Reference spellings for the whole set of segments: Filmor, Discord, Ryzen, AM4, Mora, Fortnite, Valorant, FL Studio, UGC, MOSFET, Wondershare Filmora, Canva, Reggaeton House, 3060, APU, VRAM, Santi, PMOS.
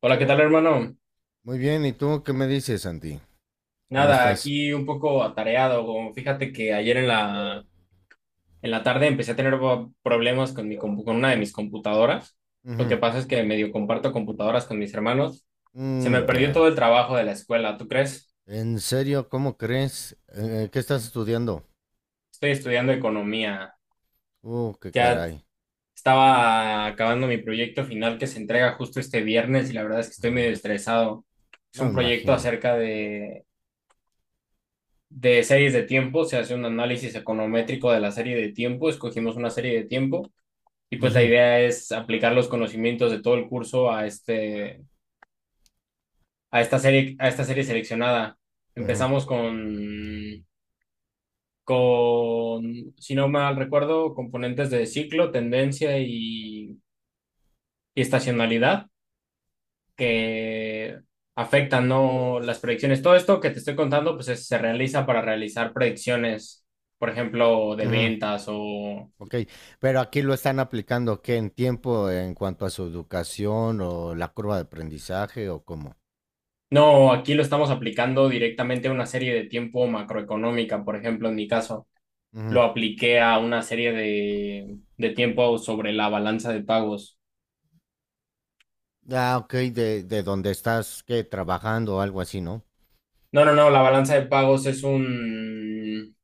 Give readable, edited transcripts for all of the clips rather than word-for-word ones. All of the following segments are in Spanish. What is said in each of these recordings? Hola, ¿qué tal, hermano? Muy bien, ¿y tú qué me dices, Santi? ¿Cómo Nada, estás? aquí un poco atareado. Como Fíjate que ayer en la tarde empecé a tener problemas con una de mis computadoras. Lo Ujú. que pasa es que medio comparto computadoras con mis hermanos. Se me Mm, perdió todo ya. el trabajo de la escuela, ¿tú crees? ¿En serio? ¿Cómo crees? ¿Qué estás estudiando? Estoy estudiando economía. Qué Ya caray. estaba acabando mi proyecto final que se entrega justo este viernes y la verdad es que estoy Ujú. medio estresado. Es No un me proyecto imagino. acerca de series de tiempo, se hace un análisis econométrico de la serie de tiempo, escogimos una serie de tiempo y pues la Ujú, idea es aplicar los conocimientos de todo el curso a esta serie seleccionada. ujú, Empezamos con si no mal recuerdo, componentes de ciclo, tendencia y estacionalidad, que afectan no las predicciones. Todo esto que te estoy contando pues se realiza para realizar predicciones, por ejemplo, de ujú. ventas o. Ok, pero aquí lo están aplicando, ¿qué? ¿En tiempo en cuanto a su educación o la curva de aprendizaje o cómo? No, aquí lo estamos aplicando directamente a una serie de tiempo macroeconómica, por ejemplo, en mi caso, Ujú. lo apliqué a una serie de tiempo sobre la balanza de pagos. Ah, ok, de donde estás, ¿qué? Trabajando o algo así, ¿no? No, no, no, la balanza de pagos es un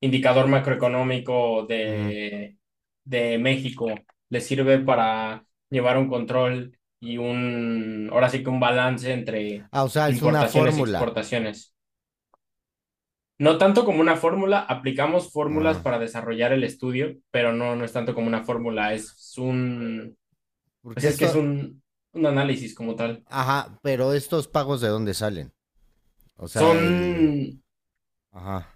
indicador macroeconómico Ujú. de México. Le sirve para llevar un control y un, ahora sí que un balance entre Ah, o sea, es una importaciones y fórmula. exportaciones. No tanto como una fórmula, aplicamos fórmulas Ajá. para desarrollar el estudio, pero no, no es tanto como una fórmula, es un, pues Porque es que es esto, un análisis como tal. ajá, ¿pero estos pagos de dónde salen? O Son, sea, el. Ajá.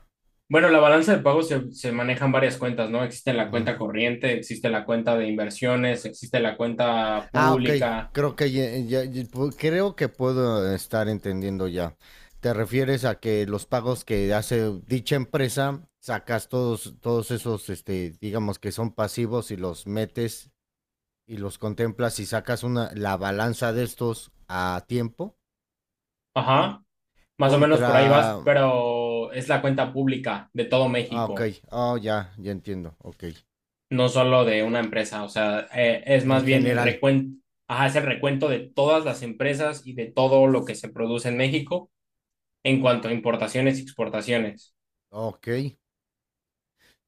bueno, la balanza de pagos se manejan varias cuentas, ¿no? Existe la Ujú. cuenta corriente, existe la cuenta de inversiones, existe la cuenta Ah, ok. pública, Creo que puedo estar entendiendo ya. ¿Te refieres a que los pagos que hace dicha empresa, sacas todos esos, digamos que son pasivos y los metes y los contemplas y sacas una, la balanza de estos a tiempo ajá, más o menos por ahí contra. vas, pero es la cuenta pública de todo Ah, ok. México. Oh, ya, ya entiendo. Ok. No solo de una empresa, o sea, es En más bien el general. recuento, ajá, es el recuento de todas las empresas y de todo lo que se produce en México en cuanto a importaciones y exportaciones. Ok.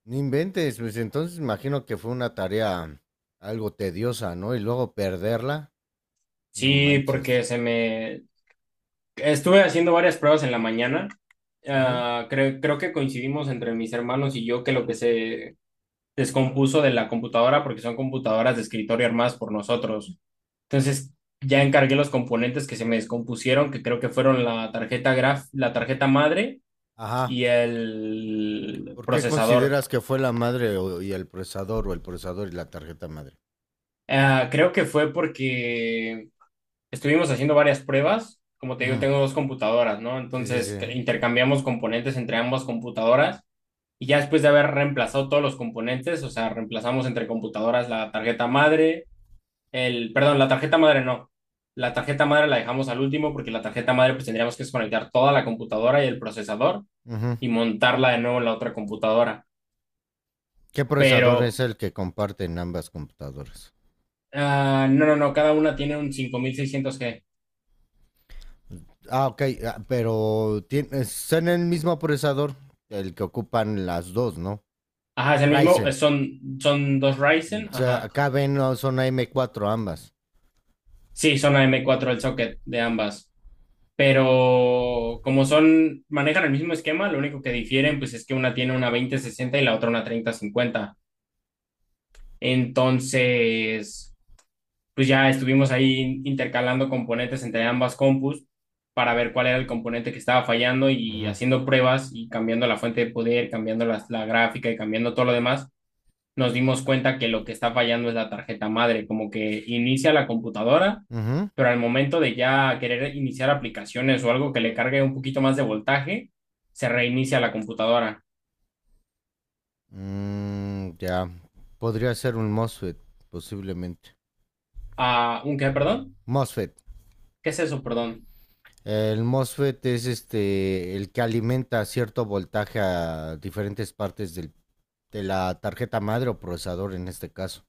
No inventes, pues entonces imagino que fue una tarea algo tediosa, ¿no? Y luego perderla, no Sí, manches. porque se me... Estuve haciendo varias pruebas en la mañana. Ujú. Ah, creo que coincidimos entre mis hermanos y yo que lo que se descompuso de la computadora, porque son computadoras de escritorio armadas por nosotros. Entonces, ya encargué los componentes que se me descompusieron, que creo que fueron la tarjeta madre Ajá. y el ¿Por qué procesador. consideras que fue la madre y el procesador o el procesador y la tarjeta madre? Ah, creo que fue porque estuvimos haciendo varias pruebas. Como te digo, Ujú. tengo dos computadoras, ¿no? Sí, sí, Entonces sí. Intercambiamos componentes entre ambas computadoras, y ya después de haber reemplazado todos los componentes, o sea, reemplazamos entre computadoras la tarjeta madre, el, perdón, la tarjeta madre no. La tarjeta madre la dejamos al último porque la tarjeta madre pues tendríamos que desconectar toda la computadora y el procesador Ujú. y montarla de nuevo en la otra computadora. ¿Qué procesador Pero. es el que comparten ambas computadoras? Ah, no, no, no, cada una tiene un 5600G. Ah, ok, pero tiene, son el mismo procesador, el que ocupan las dos, ¿no? Ajá, es el mismo, Ryzen. son dos Ryzen, O sea, ajá. acá ven, no, son AM4 ambas. Sí, son AM4 el socket de ambas, pero como son, manejan el mismo esquema, lo único que difieren pues es que una tiene una 2060 y la otra una 3050. Entonces, pues ya estuvimos ahí intercalando componentes entre ambas compus para ver cuál era el componente que estaba fallando y Ujú. haciendo pruebas y cambiando la fuente de poder, cambiando la gráfica y cambiando todo lo demás. Nos dimos cuenta que lo que está fallando es la tarjeta madre, como que inicia la computadora, Ujú. pero al momento de ya querer iniciar aplicaciones o algo que le cargue un poquito más de voltaje, se reinicia la computadora. Mm, ya. Podría ser un MOSFET, posiblemente. Ah, ¿un qué, perdón? MOSFET. ¿Qué es eso, perdón? El MOSFET es este el que alimenta cierto voltaje a diferentes partes de la tarjeta madre o procesador en este caso.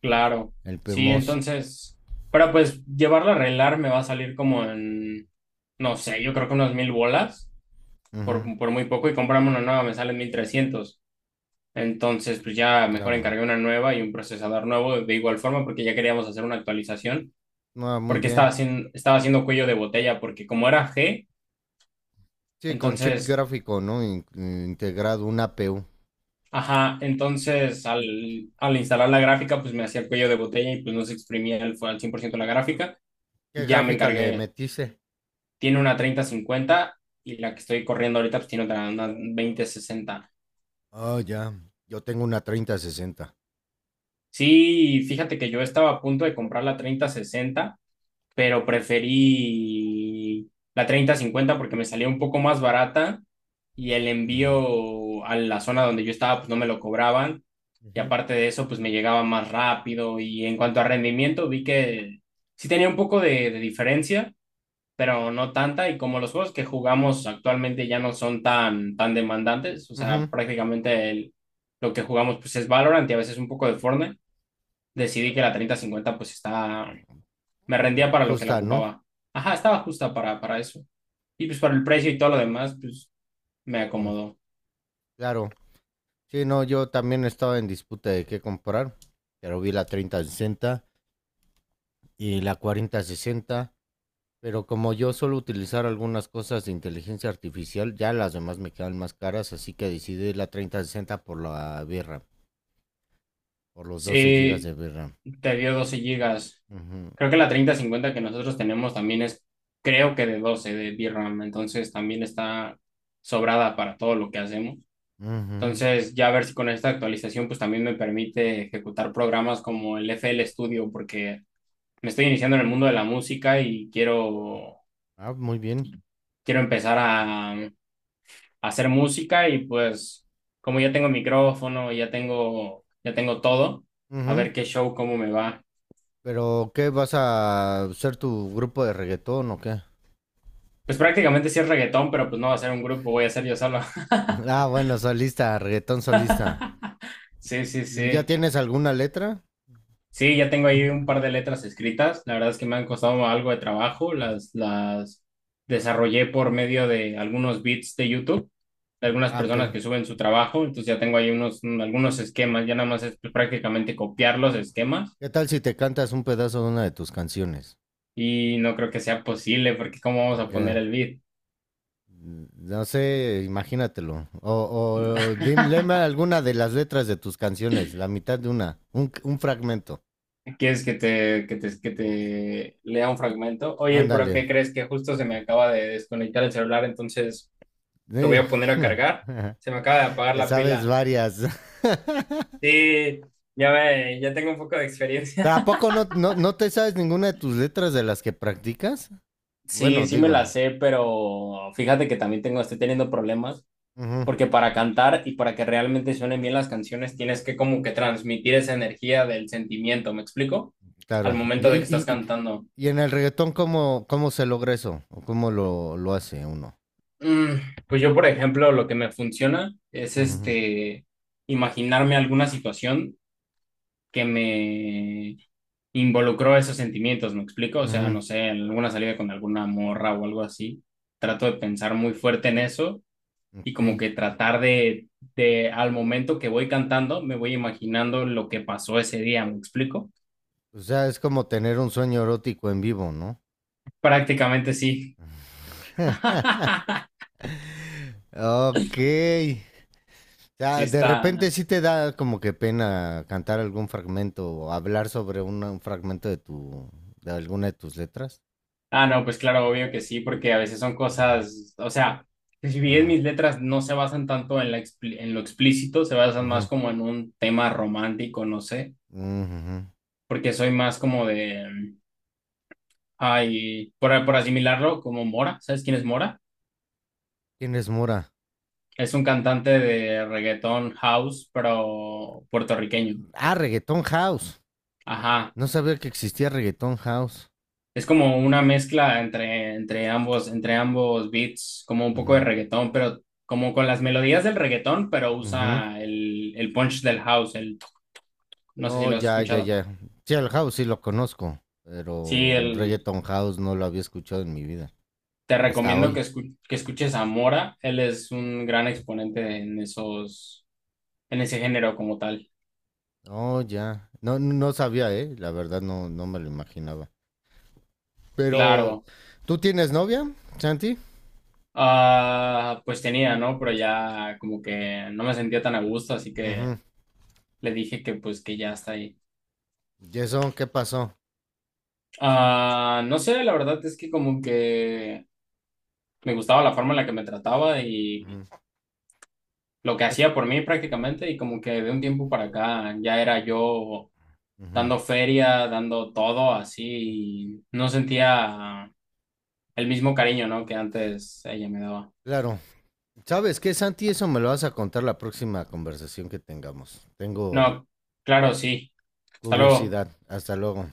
Claro. El Sí, PMOS. entonces, pero pues llevarlo a arreglar me va a salir como en, no sé, yo creo que unas 1000 bolas, por, Ujú, por muy poco, y comprarme una nueva me salen 1300. Entonces, pues ya mejor claro. encargué una nueva y un procesador nuevo de igual forma porque ya queríamos hacer una actualización, Ah, muy porque estaba bien. haciendo, estaba haciendo cuello de botella, porque como era G, Sí, con chip entonces, gráfico, ¿no? Integrado, una APU. ajá, entonces al instalar la gráfica, pues me hacía cuello de botella y pues no se exprimía el, al 100% la gráfica, ¿Qué y ya me gráfica le encargué, metiste? tiene una 3050 y la que estoy corriendo ahorita pues tiene otra, una 2060. Ah, ya. Yo tengo una 3060. Sí, fíjate que yo estaba a punto de comprar la 3060, pero preferí la 3050 porque me salía un poco más barata y el Ujú. envío a la zona donde yo estaba pues no me lo cobraban, y Ujú, aparte de eso pues me llegaba más rápido, y en cuanto a rendimiento vi que sí tenía un poco de diferencia, pero no tanta, y como los juegos que jugamos actualmente ya no son tan demandantes, o sea, Ujú. prácticamente lo que jugamos pues es Valorant y a veces un poco de Fortnite, decidí que la 3050 pues está, me rendía para lo que la Justa, ¿no? ocupaba. Ajá, estaba justa para eso. Y pues para el precio y todo lo demás, pues me Mm, acomodó. Claro. Sí, no, yo también estaba en disputa de qué comprar, pero vi la 3060 y la 4060, pero como yo suelo utilizar algunas cosas de inteligencia artificial, ya las demás me quedan más caras, así que decidí la 3060 por la VRAM, por los 12 gigas de Sí, VRAM. te dio 12 gigas. Ujú, Creo que la 3050 que nosotros tenemos también es, creo que de 12 de VRAM, entonces también está sobrada para todo lo que hacemos. ujú. Entonces, ya a ver si con esta actualización pues también me permite ejecutar programas como el FL Studio, porque me estoy iniciando en el mundo de la música y quiero Ah, muy bien. Empezar a hacer música y pues como ya tengo micrófono, ya tengo todo, a Ujú. ver qué show, cómo me va. Pero, ¿qué vas a ser tu grupo de reggaetón o qué? Pues prácticamente sí es reggaetón, pero pues no va a ser un grupo, voy a ser yo solo. Ah, bueno, solista, reggaetón solista. Sí, sí, ¿Ya sí. tienes alguna letra? Sí, ya tengo ahí un par de letras escritas. La verdad es que me han costado algo de trabajo. Ujú. Las desarrollé por medio de algunos beats de YouTube, de algunas Ah, ok. personas que suben su trabajo. Entonces ya tengo ahí unos, algunos esquemas. Ya nada más es pues, prácticamente copiar los esquemas. ¿Qué tal si te cantas un pedazo de una de tus canciones? Y no creo que sea posible, porque ¿cómo vamos a poner Porque, el beat? no sé, imagínatelo. O, léeme alguna de las letras de tus canciones, la mitad de una, un fragmento. ¿Quieres que te lea un fragmento? Oye, pero Ándale. ¿qué crees que justo se me acaba de desconectar el celular? Entonces lo voy Sí. a poner a cargar. Se me acaba de apagar Te la sabes pila. varias. Sí, ya ve, ya tengo un poco de experiencia. ¿Pero a poco no, no te sabes ninguna de tus letras de las que practicas? Bueno, Sí, sí me la digo, sé, pero fíjate que también tengo, estoy teniendo problemas, ujú, porque para cantar y para que realmente suenen bien las canciones tienes que como que transmitir esa energía del sentimiento, ¿me explico? Al claro. momento Y, de que estás y- y- cantando. y en el reggaetón, ¿cómo se logra eso? ¿O cómo lo hace uno? Mm, pues yo, por ejemplo, lo que me funciona es Ujú, este imaginarme alguna situación que me involucró esos sentimientos, ¿me explico? O sea, ujú, no sé, alguna salida con alguna morra o algo así. Trato de pensar muy fuerte en eso y como ok. que tratar de al momento que voy cantando, me voy imaginando lo que pasó ese día, ¿me explico? O sea, es como tener un sueño erótico en vivo, ¿no? Prácticamente sí. Ok. O Sí sea, de repente está. sí te da como que pena cantar algún fragmento o hablar sobre un fragmento de tu, de alguna de tus letras. Ah, no, pues claro, obvio que sí, porque a veces son Ujú, cosas, o sea, si bien ajá, mis letras no se basan tanto en en lo explícito, se basan más ujú, como en un tema romántico, no sé, ujú. porque soy más como de, ay, por asimilarlo, como Mora. ¿Sabes quién es Mora? ¿Quién es Mora? Es un cantante de reggaetón house, pero puertorriqueño. Ah, Reggaeton House. Ajá. No sabía que existía Reggaeton House. Es como una mezcla entre ambos beats, como un poco de Ujú, reggaetón, pero como con las melodías del reggaetón, pero ujú. usa el punch del house, el, no sé si Oh, lo has ya, ya, escuchado. ya. Sí, el House sí lo conozco, Sí, pero Reggaeton House no lo había escuchado en mi vida. te Hasta recomiendo que, hoy. Que escuches a Mora, él es un gran exponente en ese género como tal. Oh, ya. No, no sabía, ¿eh? La verdad no, no me lo imaginaba. Pero, Claro, ¿tú tienes novia, Santi? ah, pues tenía, ¿no? Pero ya como que no me sentía tan a gusto, así que Ujú. le dije que pues que ya está ahí. ¿Y eso qué pasó? Ah, no sé, la verdad es que como que me gustaba la forma en la que me trataba y Ujú. lo que Es- hacía por mí prácticamente, y como que de un tiempo para acá ya era yo Ujú. dando feria, dando todo así, y no sentía el mismo cariño, ¿no? que antes ella me daba. Claro. ¿Sabes qué, Santi? Eso me lo vas a contar la próxima conversación que tengamos. Tengo No, claro, sí. Hasta luego. curiosidad. Hasta luego.